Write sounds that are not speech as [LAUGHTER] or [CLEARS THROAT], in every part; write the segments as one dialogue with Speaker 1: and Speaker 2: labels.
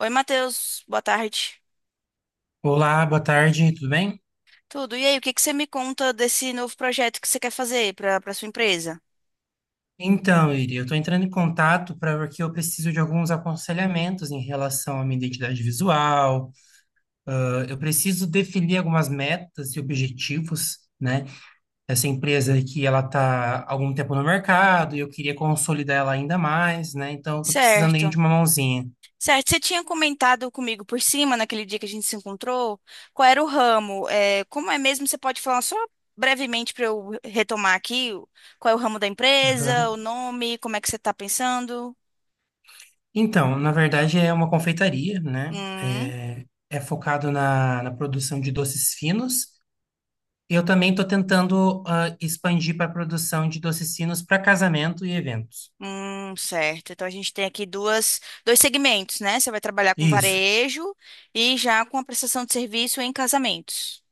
Speaker 1: Oi, Matheus, boa tarde.
Speaker 2: Olá, boa tarde, tudo bem?
Speaker 1: Tudo. E aí, o que que você me conta desse novo projeto que você quer fazer para sua empresa?
Speaker 2: Então, Iri, eu estou entrando em contato para porque eu preciso de alguns aconselhamentos em relação à minha identidade visual. Eu preciso definir algumas metas e objetivos, né? Essa empresa aqui, ela está há algum tempo no mercado e eu queria consolidar ela ainda mais, né? Então, eu estou precisando aí
Speaker 1: Certo.
Speaker 2: de uma mãozinha.
Speaker 1: Certo, você tinha comentado comigo por cima, naquele dia que a gente se encontrou, qual era o ramo. É, como é mesmo, você pode falar só brevemente para eu retomar aqui, qual é o ramo da empresa, o
Speaker 2: Aham.
Speaker 1: nome, como é que você está pensando?
Speaker 2: Então, na verdade, é uma confeitaria, né?
Speaker 1: Hum,
Speaker 2: É, é focado na produção de doces finos. Eu também estou tentando expandir para a produção de docecinos para casamento e eventos.
Speaker 1: certo. Então a gente tem aqui dois segmentos, né? Você vai trabalhar com
Speaker 2: Isso,
Speaker 1: varejo e já com a prestação de serviço em casamentos.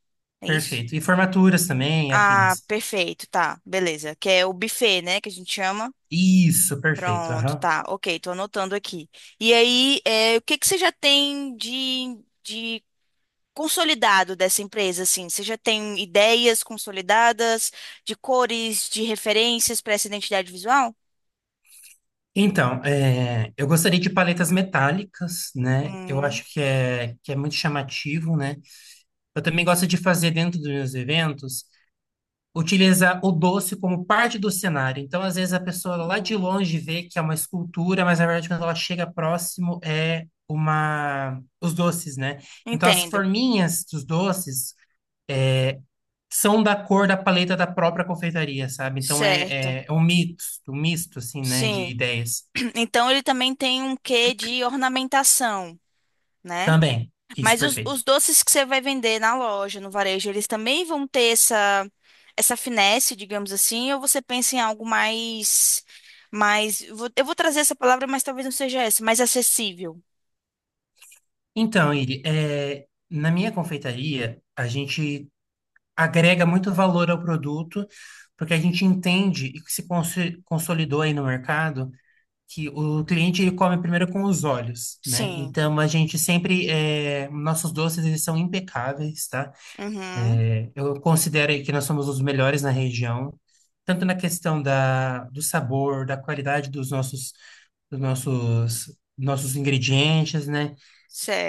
Speaker 1: É isso?
Speaker 2: perfeito. E formaturas também,
Speaker 1: Ah,
Speaker 2: afins.
Speaker 1: perfeito, tá. Beleza. Que é o buffet, né? Que a gente chama.
Speaker 2: Isso, perfeito,
Speaker 1: Pronto,
Speaker 2: aham.
Speaker 1: tá. Ok, tô anotando aqui. E aí, é, o que que você já tem de consolidado dessa empresa, assim? Você já tem ideias consolidadas de cores, de referências para essa identidade visual?
Speaker 2: Então, é, eu gostaria de paletas metálicas, né? Eu
Speaker 1: Hum,
Speaker 2: acho que é muito chamativo, né? Eu também gosto de fazer dentro dos meus eventos utiliza o doce como parte do cenário. Então, às vezes, a pessoa lá de
Speaker 1: hum.
Speaker 2: longe vê que é uma escultura, mas na verdade, quando ela chega próximo, é uma os doces, né? Então, as
Speaker 1: Entendo.
Speaker 2: forminhas dos doces é, são da cor da paleta da própria confeitaria, sabe? Então, é,
Speaker 1: Certo.
Speaker 2: é, é um mito, um misto, assim, né, de
Speaker 1: Sim.
Speaker 2: ideias.
Speaker 1: [CLEARS THROAT] Então ele também tem um quê de ornamentação, né?
Speaker 2: Também, isso,
Speaker 1: Mas
Speaker 2: perfeito.
Speaker 1: os doces que você vai vender na loja, no varejo, eles também vão ter essa finesse, digamos assim, ou você pensa em algo mais, mais, eu vou trazer essa palavra, mas talvez não seja essa, mais acessível.
Speaker 2: Então, Iri, é, na minha confeitaria, a gente agrega muito valor ao produto, porque a gente entende e se consolidou aí no mercado que o cliente ele come primeiro com os olhos, né?
Speaker 1: Sim.
Speaker 2: Então a gente sempre nossos doces eles são impecáveis, tá?
Speaker 1: Uhum.
Speaker 2: Eu considero aí que nós somos os melhores na região, tanto na questão do sabor, da qualidade dos nossos dos nossos ingredientes, né?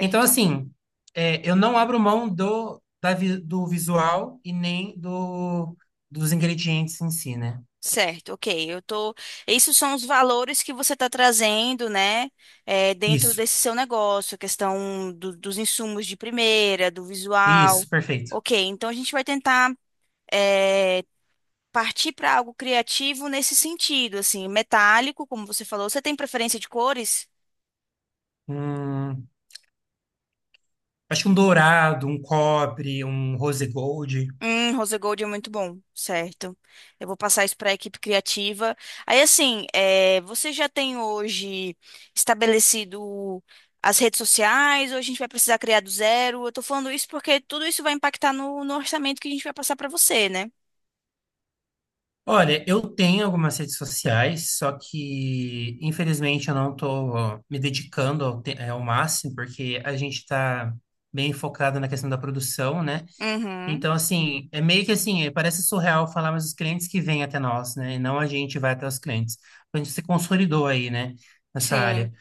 Speaker 2: Então, assim, é, eu não abro mão do visual e nem dos ingredientes em si, né?
Speaker 1: Certo, ok. Eu tô. Esses são os valores que você está trazendo, né? É, dentro
Speaker 2: Isso,
Speaker 1: desse seu negócio, a questão dos insumos de primeira, do visual.
Speaker 2: isso, perfeito.
Speaker 1: Ok, então a gente vai tentar. eh, Partir para algo criativo nesse sentido, assim, metálico, como você falou. Você tem preferência de cores?
Speaker 2: Hum, acho que um dourado, um cobre, um rose gold.
Speaker 1: Rose gold é muito bom, certo. Eu vou passar isso para a equipe criativa. Aí, assim, é, você já tem hoje estabelecido as redes sociais, ou a gente vai precisar criar do zero? Eu tô falando isso porque tudo isso vai impactar no orçamento que a gente vai passar para você, né?
Speaker 2: Olha, eu tenho algumas redes sociais, só que infelizmente eu não estou me dedicando ao máximo, porque a gente está bem focado na questão da produção, né?
Speaker 1: Uhum.
Speaker 2: Então, assim, é meio que assim, parece surreal falar, mas os clientes que vêm até nós, né? E não a gente vai até os clientes. A gente se consolidou aí, né? Nessa área.
Speaker 1: Sim,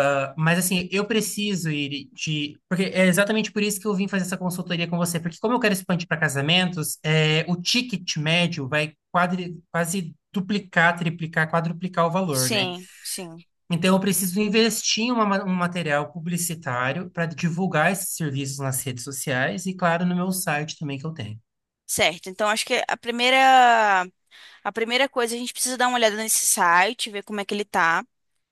Speaker 2: Ah, mas, assim, eu preciso ir de. Porque é exatamente por isso que eu vim fazer essa consultoria com você. Porque, como eu quero expandir para casamentos, é, o ticket médio vai quase duplicar, triplicar, quadruplicar o valor, né?
Speaker 1: sim, sim.
Speaker 2: Então, eu preciso investir em um material publicitário para divulgar esses serviços nas redes sociais e, claro, no meu site também que eu tenho.
Speaker 1: Certo. Então, acho que A primeira coisa, a gente precisa dar uma olhada nesse site, ver como é que ele tá,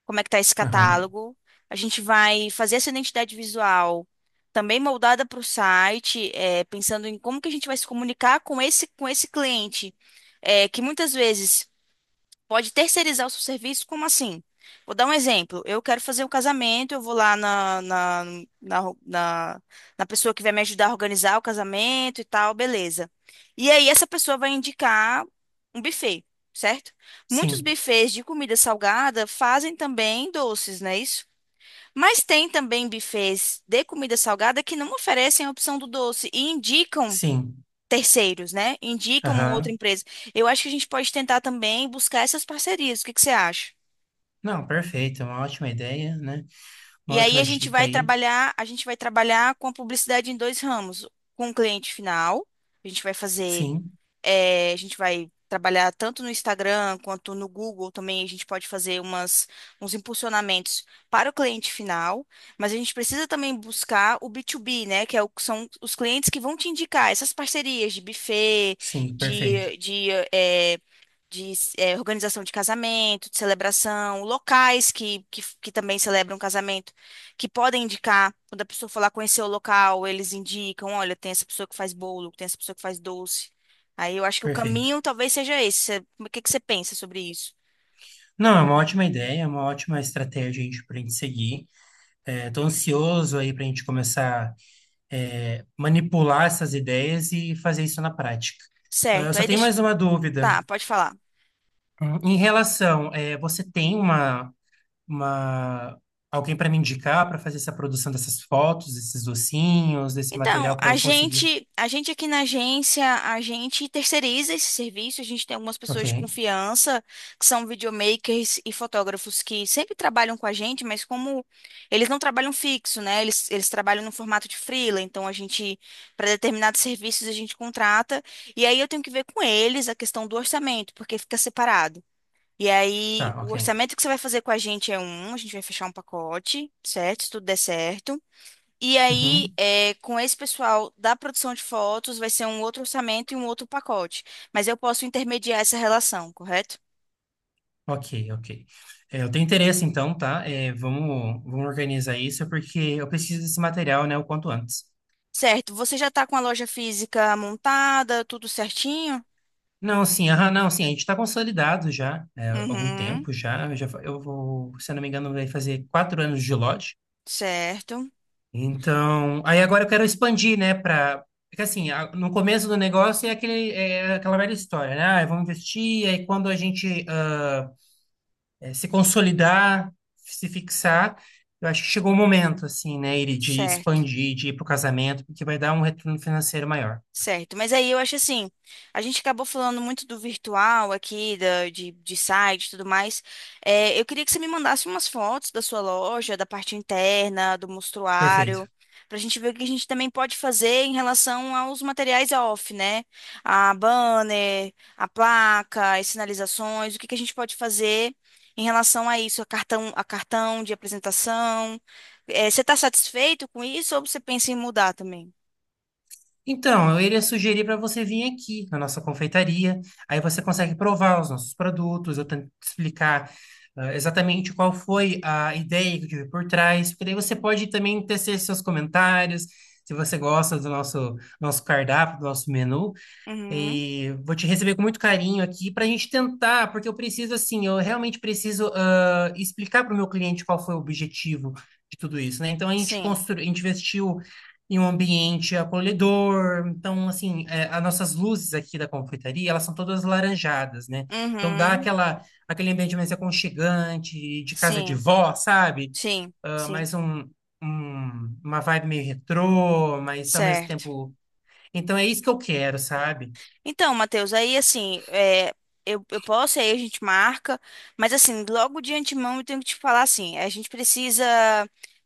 Speaker 1: como é que tá esse catálogo. A gente vai fazer essa identidade visual também moldada para o site, pensando em como que a gente vai se comunicar com com esse cliente, que muitas vezes pode terceirizar o seu serviço? Como assim? Vou dar um exemplo. Eu quero fazer o casamento, eu vou lá na, na, na, na, na pessoa que vai me ajudar a organizar o casamento e tal, beleza. E aí essa pessoa vai indicar um buffet, certo? Muitos
Speaker 2: Sim,
Speaker 1: buffets de comida salgada fazem também doces, não é isso? Mas tem também buffets de comida salgada que não oferecem a opção do doce e indicam
Speaker 2: sim.
Speaker 1: terceiros, né? Indica uma outra
Speaker 2: Aham.
Speaker 1: empresa. Eu acho que a gente pode tentar também buscar essas parcerias. O que que você acha?
Speaker 2: Não, perfeito. É uma ótima ideia, né?
Speaker 1: E
Speaker 2: Uma
Speaker 1: aí a
Speaker 2: ótima
Speaker 1: gente
Speaker 2: dica
Speaker 1: vai
Speaker 2: aí.
Speaker 1: trabalhar, a gente vai trabalhar com a publicidade em dois ramos, com o cliente final. A gente vai fazer,
Speaker 2: Sim,
Speaker 1: a gente vai trabalhar tanto no Instagram quanto no Google também. A gente pode fazer umas, uns impulsionamentos para o cliente final, mas a gente precisa também buscar o B2B, né? Que é são os clientes que vão te indicar essas parcerias de buffet,
Speaker 2: sim, perfeito.
Speaker 1: de, de eh, de eh, organização de casamento, de celebração, locais que também celebram casamento, que podem indicar, quando a pessoa for lá conhecer o local, eles indicam, olha, tem essa pessoa que faz bolo, tem essa pessoa que faz doce. Aí eu acho que o
Speaker 2: Perfeito.
Speaker 1: caminho talvez seja esse. O que que você pensa sobre isso?
Speaker 2: Não, é uma ótima ideia, é uma ótima estratégia a gente, para a gente seguir. É, tô ansioso aí para a gente começar é, manipular essas ideias e fazer isso na prática. Ah,
Speaker 1: Certo,
Speaker 2: só
Speaker 1: aí
Speaker 2: tenho
Speaker 1: deixa...
Speaker 2: mais uma dúvida.
Speaker 1: Tá, pode falar.
Speaker 2: Em relação, é, você tem uma alguém para me indicar para fazer essa produção dessas fotos, desses docinhos, desse
Speaker 1: Então,
Speaker 2: material para eu conseguir.
Speaker 1: a gente aqui na agência, a gente terceiriza esse serviço, a gente tem algumas
Speaker 2: Ok,
Speaker 1: pessoas de confiança, que são videomakers e fotógrafos que sempre trabalham com a gente, mas como eles não trabalham fixo, né? Eles trabalham no formato de freela, então a gente, para determinados serviços, a gente contrata, e aí eu tenho que ver com eles a questão do orçamento, porque fica separado. E aí,
Speaker 2: tá,
Speaker 1: o
Speaker 2: ok.
Speaker 1: orçamento que você vai fazer com a gente é um, a gente vai fechar um pacote, certo? Se tudo der certo. E aí,
Speaker 2: Uhum,
Speaker 1: é, com esse pessoal da produção de fotos, vai ser um outro orçamento e um outro pacote. Mas eu posso intermediar essa relação, correto?
Speaker 2: ok, ok. É, eu tenho interesse, então, tá? É, vamos organizar isso, é porque eu preciso desse material, né, o quanto antes.
Speaker 1: Certo. Você já está com a loja física montada, tudo certinho?
Speaker 2: Não, sim, aham, não, sim, a gente está consolidado já, é, há algum
Speaker 1: Uhum.
Speaker 2: tempo já, já. Eu vou, se eu não me engano, vai fazer 4 anos de lote.
Speaker 1: Certo.
Speaker 2: Então, aí agora eu quero expandir, né, para. Porque, assim, no começo do negócio é, aquele, é aquela velha história, né? Ah, vamos investir, aí quando a gente... ah, se consolidar, se fixar. Eu acho que chegou o momento, assim, né, Iri, de
Speaker 1: Certo.
Speaker 2: expandir, de ir para o casamento, porque vai dar um retorno financeiro maior.
Speaker 1: Certo, mas aí eu acho assim, a gente acabou falando muito do virtual aqui, de site e tudo mais. É, eu queria que você me mandasse umas fotos da sua loja, da parte interna, do mostruário,
Speaker 2: Perfeito.
Speaker 1: pra gente ver o que a gente também pode fazer em relação aos materiais off, né? A banner, a placa, as sinalizações, o que que a gente pode fazer em relação a isso, a cartão de apresentação. É, você está satisfeito com isso ou você pensa em mudar também?
Speaker 2: Então, eu iria sugerir para você vir aqui na nossa confeitaria, aí você consegue provar os nossos produtos, eu tento te explicar exatamente qual foi a ideia que eu tive por trás, porque daí você pode também tecer seus comentários, se você gosta do nosso cardápio, do nosso menu.
Speaker 1: Uhum,
Speaker 2: E vou te receber com muito carinho aqui para a gente tentar, porque eu preciso, assim, eu realmente preciso explicar para o meu cliente qual foi o objetivo de tudo isso, né? Então a gente
Speaker 1: sim.
Speaker 2: construiu, a gente investiu em um ambiente acolhedor, então, assim, é, as nossas luzes aqui da confeitaria, elas são todas laranjadas, né? Então dá
Speaker 1: Uhum.
Speaker 2: aquela, aquele ambiente mais aconchegante, de casa de
Speaker 1: Sim,
Speaker 2: vó, sabe?
Speaker 1: sim,
Speaker 2: Ah,
Speaker 1: sim.
Speaker 2: uma vibe meio retrô, mas ao mesmo
Speaker 1: Certo.
Speaker 2: tempo. Então é isso que eu quero, sabe?
Speaker 1: Então, Matheus, aí assim, é, eu posso, aí a gente marca, mas assim, logo de antemão eu tenho que te falar assim, a gente precisa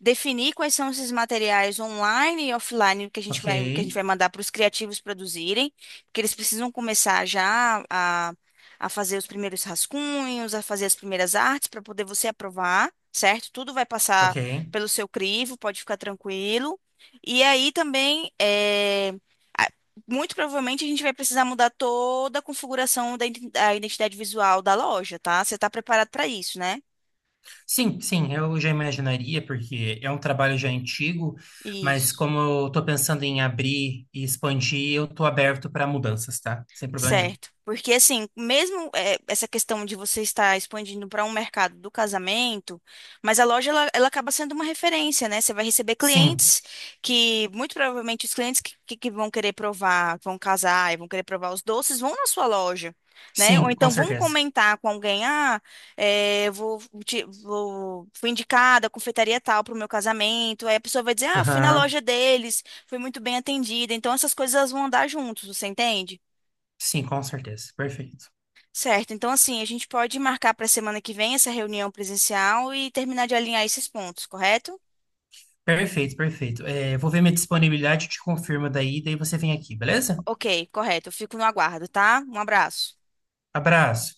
Speaker 1: definir quais são esses materiais online e offline que a gente
Speaker 2: Ok,
Speaker 1: vai, que a gente vai mandar para os criativos produzirem, porque eles precisam começar já a fazer os primeiros rascunhos, a fazer as primeiras artes para poder você aprovar, certo? Tudo vai passar
Speaker 2: ok.
Speaker 1: pelo seu crivo, pode ficar tranquilo. E aí também, é muito provavelmente a gente vai precisar mudar toda a configuração da da identidade visual da loja, tá? Você tá preparado para isso, né?
Speaker 2: Sim, sim, eu já imaginaria, porque é um trabalho já antigo, mas
Speaker 1: Isso.
Speaker 2: como eu estou pensando em abrir e expandir, eu estou aberto para mudanças, tá? Sem problema nenhum.
Speaker 1: Certo. Porque, assim, mesmo essa questão de você estar expandindo para um mercado do casamento, mas a loja, ela acaba sendo uma referência, né? Você vai receber
Speaker 2: Sim,
Speaker 1: clientes que, muito provavelmente, os clientes que vão querer provar, vão casar e vão querer provar os doces, vão na sua loja, né? Ou
Speaker 2: sim, com
Speaker 1: então vão
Speaker 2: certeza.
Speaker 1: comentar com alguém, ah, fui indicada a confeitaria tal para o meu casamento. Aí a pessoa vai dizer, ah, fui na
Speaker 2: Aham,
Speaker 1: loja deles, fui muito bem atendida. Então, essas coisas elas vão andar juntos, você entende?
Speaker 2: sim, com certeza. Perfeito.
Speaker 1: Certo, então assim, a gente pode marcar para a semana que vem essa reunião presencial e terminar de alinhar esses pontos, correto?
Speaker 2: Perfeito, perfeito. É, vou ver minha disponibilidade, te confirmo daí, daí você vem aqui, beleza?
Speaker 1: Ok, correto. Eu fico no aguardo, tá? Um abraço.
Speaker 2: Abraço.